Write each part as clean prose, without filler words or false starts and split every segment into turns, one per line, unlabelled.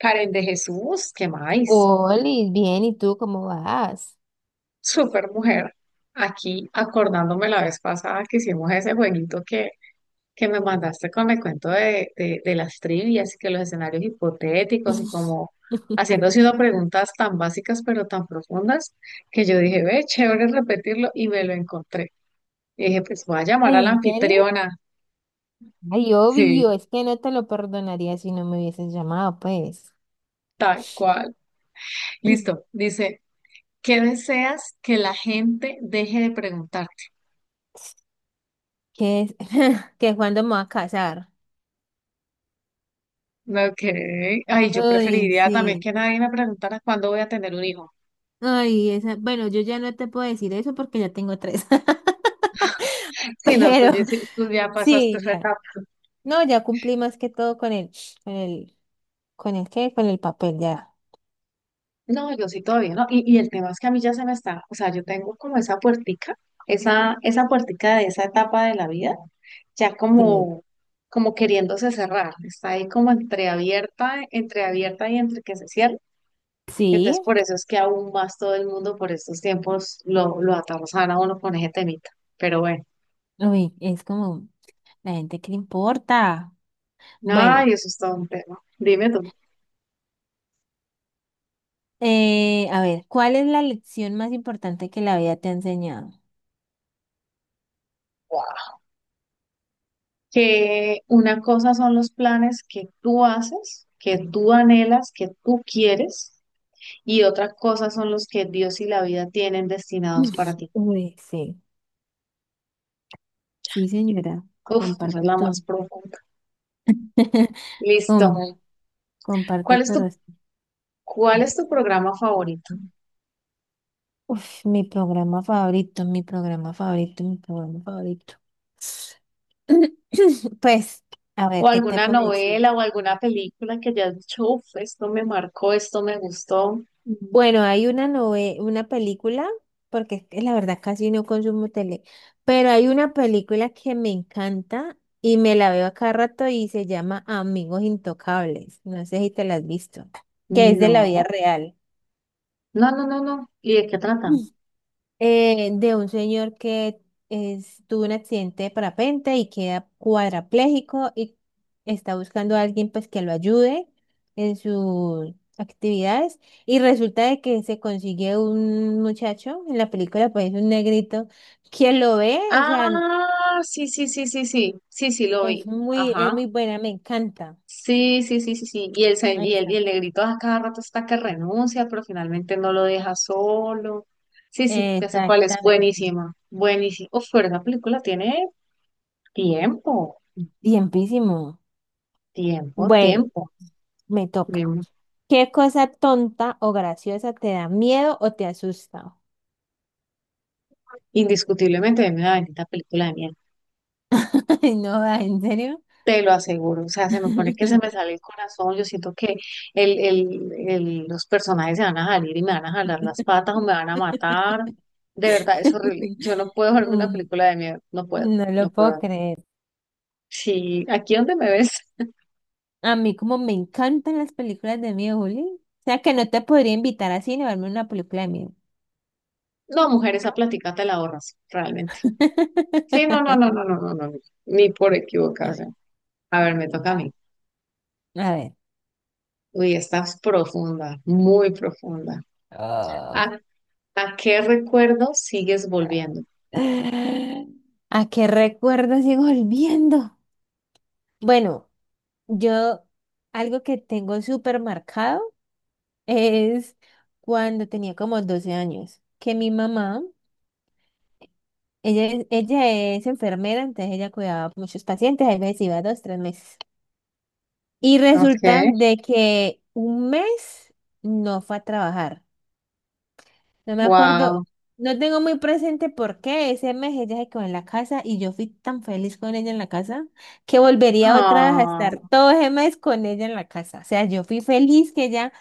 Karen de Jesús, ¿qué más?
Oli, bien, ¿y tú cómo vas?
Super mujer. Aquí acordándome la vez pasada que hicimos ese jueguito que me mandaste con el cuento de las trivias y que los escenarios hipotéticos y como haciéndose unas preguntas tan básicas pero tan profundas que yo dije, ve, chévere repetirlo y me lo encontré. Y dije, pues voy a llamar a
Ay,
la
¿en serio?
anfitriona.
Ay, obvio,
Sí,
es que no te lo perdonaría si no me hubieses llamado, pues.
tal cual. Listo. Dice, ¿qué deseas que la gente deje de preguntar?
¿Qué es? ¿Que cuándo me voy a casar?
Ok. Ay, yo
Ay,
preferiría también
sí.
que nadie me preguntara cuándo voy a tener un hijo.
Ay, esa. Bueno, yo ya no te puedo decir eso porque ya tengo tres.
Si no, tú
Pero
ya, tú ya pasaste
sí,
esa
ya.
etapa.
No, ya cumplí más que todo con el, con el, ¿con el qué? Con el papel, ya.
No, yo sí todavía no. Y el tema es que a mí ya se me está, o sea, yo tengo como esa puertica, esa puertica de esa etapa de la vida, ya
Sí.
como, como queriéndose cerrar. Está ahí como entreabierta, entreabierta y entre que se cierra.
Sí.
Entonces, por eso es que aún más todo el mundo por estos tiempos lo atarzana a uno con ese temita. Pero bueno,
Uy, es como la gente que le importa.
no,
Bueno,
y eso es todo un tema. Dime tú.
A ver, ¿cuál es la lección más importante que la vida te ha enseñado?
Que una cosa son los planes que tú haces, que tú anhelas, que tú quieres, y otra cosa son los que Dios y la vida tienen destinados para ti.
Uy, sí, sí, señora,
Uf, esa es
comparto
la más
tú.
profunda. Listo.
Comparto, comparto
¿Cuál es
tu respuesta.
cuál es tu programa favorito?
Uf, mi programa favorito, mi programa favorito, mi programa favorito. Pues, a
¿O
ver, ¿qué te
alguna
puedo decir?
novela o alguna película que hayas dicho, uf, esto me marcó, esto me gustó?
Bueno, hay una película, porque es que la verdad casi no consumo tele, pero hay una película que me encanta y me la veo a cada rato y se llama Amigos Intocables. No sé si te la has visto, que es de la vida
No,
real,
no, no, no, no. ¿Y de qué trata?
de un señor que tuvo un accidente de parapente y queda cuadrapléjico, y está buscando a alguien pues que lo ayude en sus actividades, y resulta de que se consigue un muchacho en la película, pues un negrito que lo ve. O sea,
Ah, sí, sí, sí, sí, sí, sí, sí, lo
es
vi.
muy es
Ajá.
muy buena, me encanta.
Sí, sí, sí, sí, sí. Y
Ahí
y el, y
está.
el negrito a cada rato está que renuncia, pero finalmente no lo deja solo. Sí, sí, ya sé cuál es.
Exactamente.
Buenísima, buenísima. Uf, pero esa película tiene tiempo,
Tiempísimo.
tiempo,
Bueno,
tiempo.
me toca.
Bien,
¿Qué cosa tonta o graciosa te da miedo o te asusta?
indiscutiblemente es una bendita película de miel.
Ay, no, ah, ¿en serio?
Te lo aseguro. O sea, se me pone que se me sale el corazón. Yo siento que los personajes se van a salir y me van a jalar las patas o me van a matar. De verdad, es horrible. Yo no puedo verme una
Mm,
película de miedo. No puedo.
No
No
lo puedo
puedo.
creer.
Sí, aquí donde me ves.
A mí como me encantan las películas de miedo, Juli. O sea que no te podría invitar a cine a verme una película de miedo.
No, mujer, esa plática te la ahorras, realmente. Sí, no, no, no, no, no, no, no, no, ni por equivocación. A ver, me toca a mí.
A ver.
Uy, estás profunda, muy profunda.
Oh.
¿A, ¿A qué recuerdo sigues volviendo?
¿A qué recuerdo sigo volviendo? Bueno, yo, algo que tengo súper marcado es cuando tenía como 12 años, que mi mamá, ella es enfermera, entonces ella cuidaba muchos pacientes, a veces iba 2, 3 meses. Y
Ok,
resulta de que un mes no fue a trabajar. No me acuerdo,
wow.
no tengo muy presente por qué ese mes ella se quedó en la casa y yo fui tan feliz con ella en la casa, que volvería otra vez a
Ah,
estar todo ese mes con ella en la casa. O sea, yo fui feliz que ella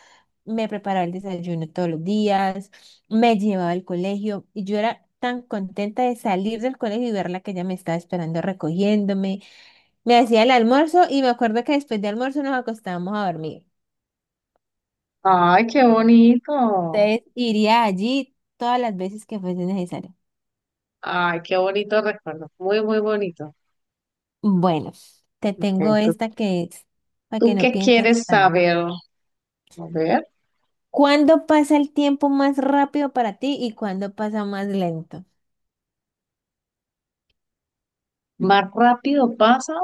me preparaba el desayuno todos los días, me llevaba al colegio, y yo era tan contenta de salir del colegio y verla, que ella me estaba esperando recogiéndome. Me hacía el almuerzo y me acuerdo que después de almuerzo nos acostábamos a dormir.
ay, qué bonito.
Entonces iría allí todas las veces que fuese necesario.
Ay, qué bonito recuerdo. Muy, muy bonito.
Bueno, te tengo
Ok,
esta que es para
¿tú
que no
qué
pienses
quieres
tanto.
saber? A ver,
¿Cuándo pasa el tiempo más rápido para ti y cuándo pasa más lento?
más rápido pasa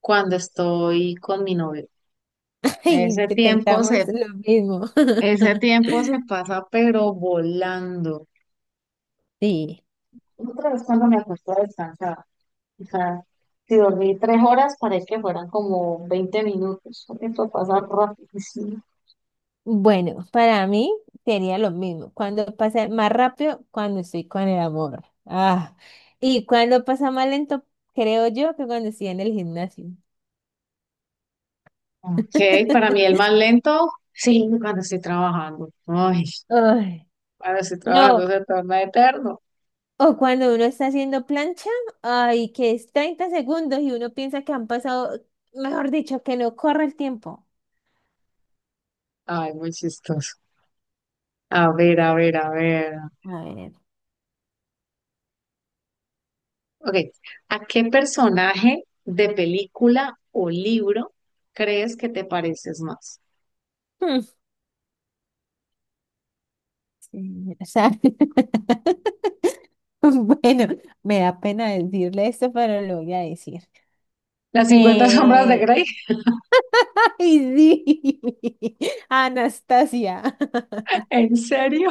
cuando estoy con mi novio.
Y
Ese
te
tiempo
pensamos
se,
lo mismo.
Ese tiempo se pasa pero volando.
Sí.
Otra vez cuando me acosté a descansar, o sea, si dormí 3 horas, parece que fueran como 20 minutos. Eso pasa rapidísimo.
Bueno, para mí sería lo mismo. Cuando pasa más rápido, cuando estoy con el amor. Ah, y cuando pasa más lento, creo yo que cuando estoy en el gimnasio.
Ok, para mí el más lento, sí, cuando estoy trabajando. Ay,
Ay,
cuando estoy
no,
trabajando se torna eterno.
o cuando uno está haciendo plancha, ay, que es 30 segundos y uno piensa que han pasado, mejor dicho, que no corre el tiempo.
Ay, muy chistoso. A ver, a ver, a ver.
A ver.
Ok, ¿a qué personaje de película o libro crees que te pareces más?
hmm, sí, o sea. Bueno, me da pena decirle esto, pero lo voy a decir.
Las 50 sombras de
Eh,
Grey,
Ay, sí, Anastasia,
¿en serio?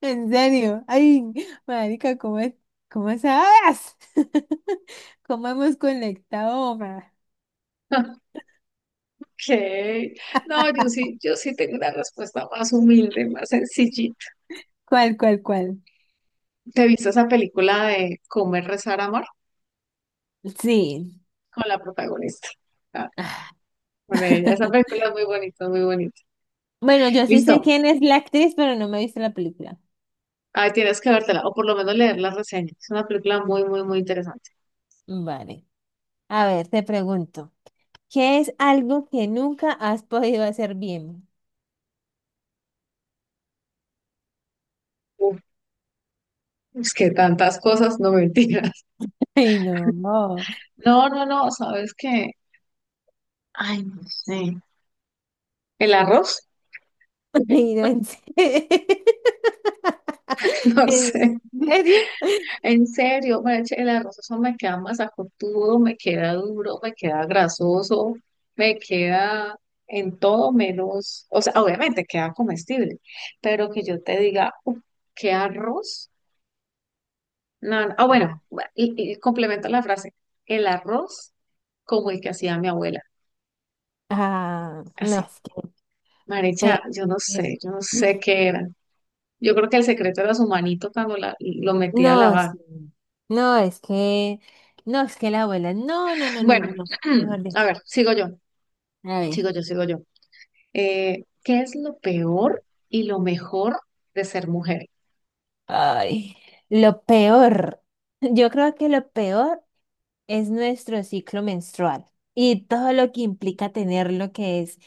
en serio, ay, marica, ¿cómo sabes? ¿Cómo hemos conectado, ma?
Ok. No, yo sí tengo una respuesta más humilde, más sencillita.
¿Cuál, cuál, cuál?
¿Te viste esa película de Comer, Rezar, Amor?
Sí.
Con la protagonista. Ah, con ella. Esa película es muy bonita, muy bonita.
Bueno, yo sí sé
Listo.
quién es la actriz, pero no me he visto la película.
Ahí tienes que vértela, o por lo menos leer las reseñas. Es una película muy, muy, muy interesante.
Vale. A ver, te pregunto, ¿qué es algo que nunca has podido hacer bien?
Uf, es que tantas cosas, no mentiras.
Ay, no, no.
No, no, no, ¿sabes qué? Ay, no sé. ¿El arroz?
Ay, no, ¿en serio?
No
¿En
sé.
serio?
En serio, mariachi, el arroz eso me queda masacotudo, me queda duro, me queda grasoso, me queda en todo menos, o sea, obviamente queda comestible, pero que yo te diga, "Uf, ¿qué arroz? No, no. Ah, bueno, y complemento la frase, el arroz como el que hacía mi abuela,
Ah, no,
así.
es que.
Marecha,
pe- eh,
yo no sé qué era. Yo creo que el secreto era su manito cuando lo metía a
No,
lavar.
sí. No, es que. No, es que la abuela. No, no, no, no, no,
Bueno,
no. Mejor
a
dicho.
ver,
A ver.
sigo yo. ¿Qué es lo peor y lo mejor de ser mujer?
Ay, lo peor. Yo creo que lo peor es nuestro ciclo menstrual y todo lo que implica tenerlo, que es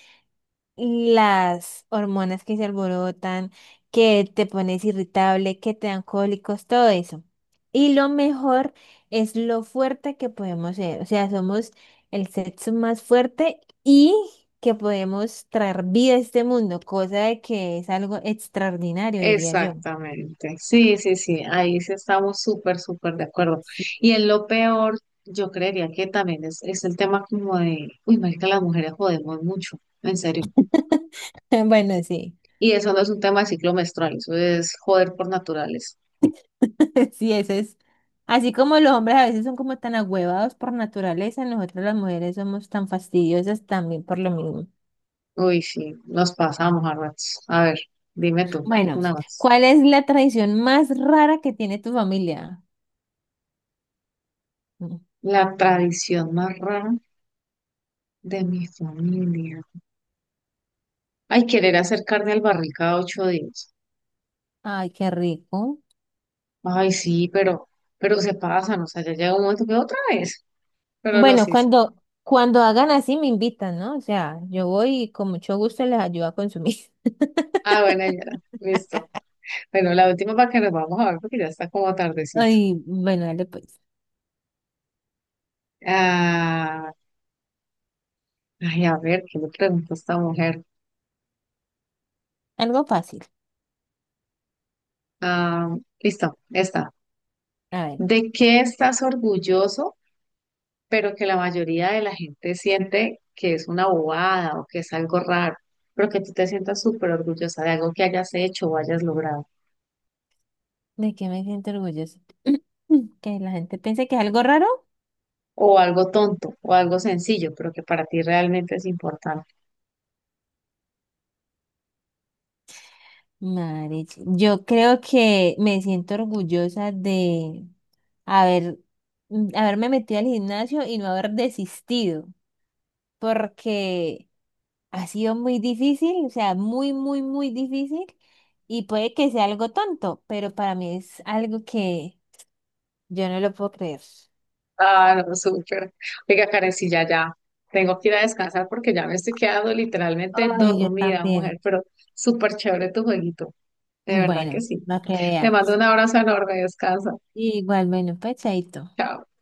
las hormonas que se alborotan, que te pones irritable, que te dan cólicos, todo eso. Y lo mejor es lo fuerte que podemos ser. O sea, somos el sexo más fuerte y que podemos traer vida a este mundo, cosa de que es algo extraordinario, diría yo.
Exactamente. Sí, sí, sí. Ahí sí estamos súper, súper de acuerdo.
Sí.
Y en lo peor, yo creería que también es el tema como de, uy, marica, las mujeres jodemos mucho, en serio.
Bueno, sí,
Y eso no es un tema de ciclo menstrual, eso es joder por naturales.
sí, eso es. Así como los hombres a veces son como tan agüevados por naturaleza, nosotras las mujeres somos tan fastidiosas también por lo mismo.
Uy, sí, nos pasamos a ratos. A ver, dime tú,
Bueno,
una más.
¿cuál es la tradición más rara que tiene tu familia? Mm.
La tradición más rara de mi familia. Ay, querer hacer carne al barril cada 8 días.
Ay, qué rico.
Ay, sí, pero se pasan, o sea, ya llega un momento que otra vez. Pero no,
Bueno,
sí, sí.
cuando hagan así me invitan, ¿no? O sea, yo voy y con mucho gusto les ayudo a consumir.
Ah, bueno, ya, listo. Bueno, la última para que nos vamos a ver porque ya está como tardecito.
Ay, bueno, dale pues.
Ah, ay, a ver, ¿qué le pregunto a esta mujer?
Algo fácil.
Ah, listo, esta.
A ver,
¿De qué estás orgulloso, pero que la mayoría de la gente siente que es una bobada o que es algo raro, pero que tú te sientas súper orgullosa de algo que hayas hecho o hayas logrado?
¿de qué me siento orgulloso? Que la gente piense que es algo raro.
O algo tonto, o algo sencillo, pero que para ti realmente es importante.
Madre, yo creo que me siento orgullosa de haber, haberme metido al gimnasio y no haber desistido, porque ha sido muy difícil, o sea, muy, muy, muy difícil. Y puede que sea algo tonto, pero para mí es algo que yo no lo puedo creer.
Ah, no, súper. Oiga, Karencilla, ya tengo que ir a descansar porque ya me estoy quedando literalmente
Ay, yo
dormida, mujer,
también.
pero súper chévere tu jueguito. De verdad que
Bueno,
sí.
no que
Te
vea.
mando un abrazo enorme, descansa.
Igual, bueno, pues chaito.
Chao.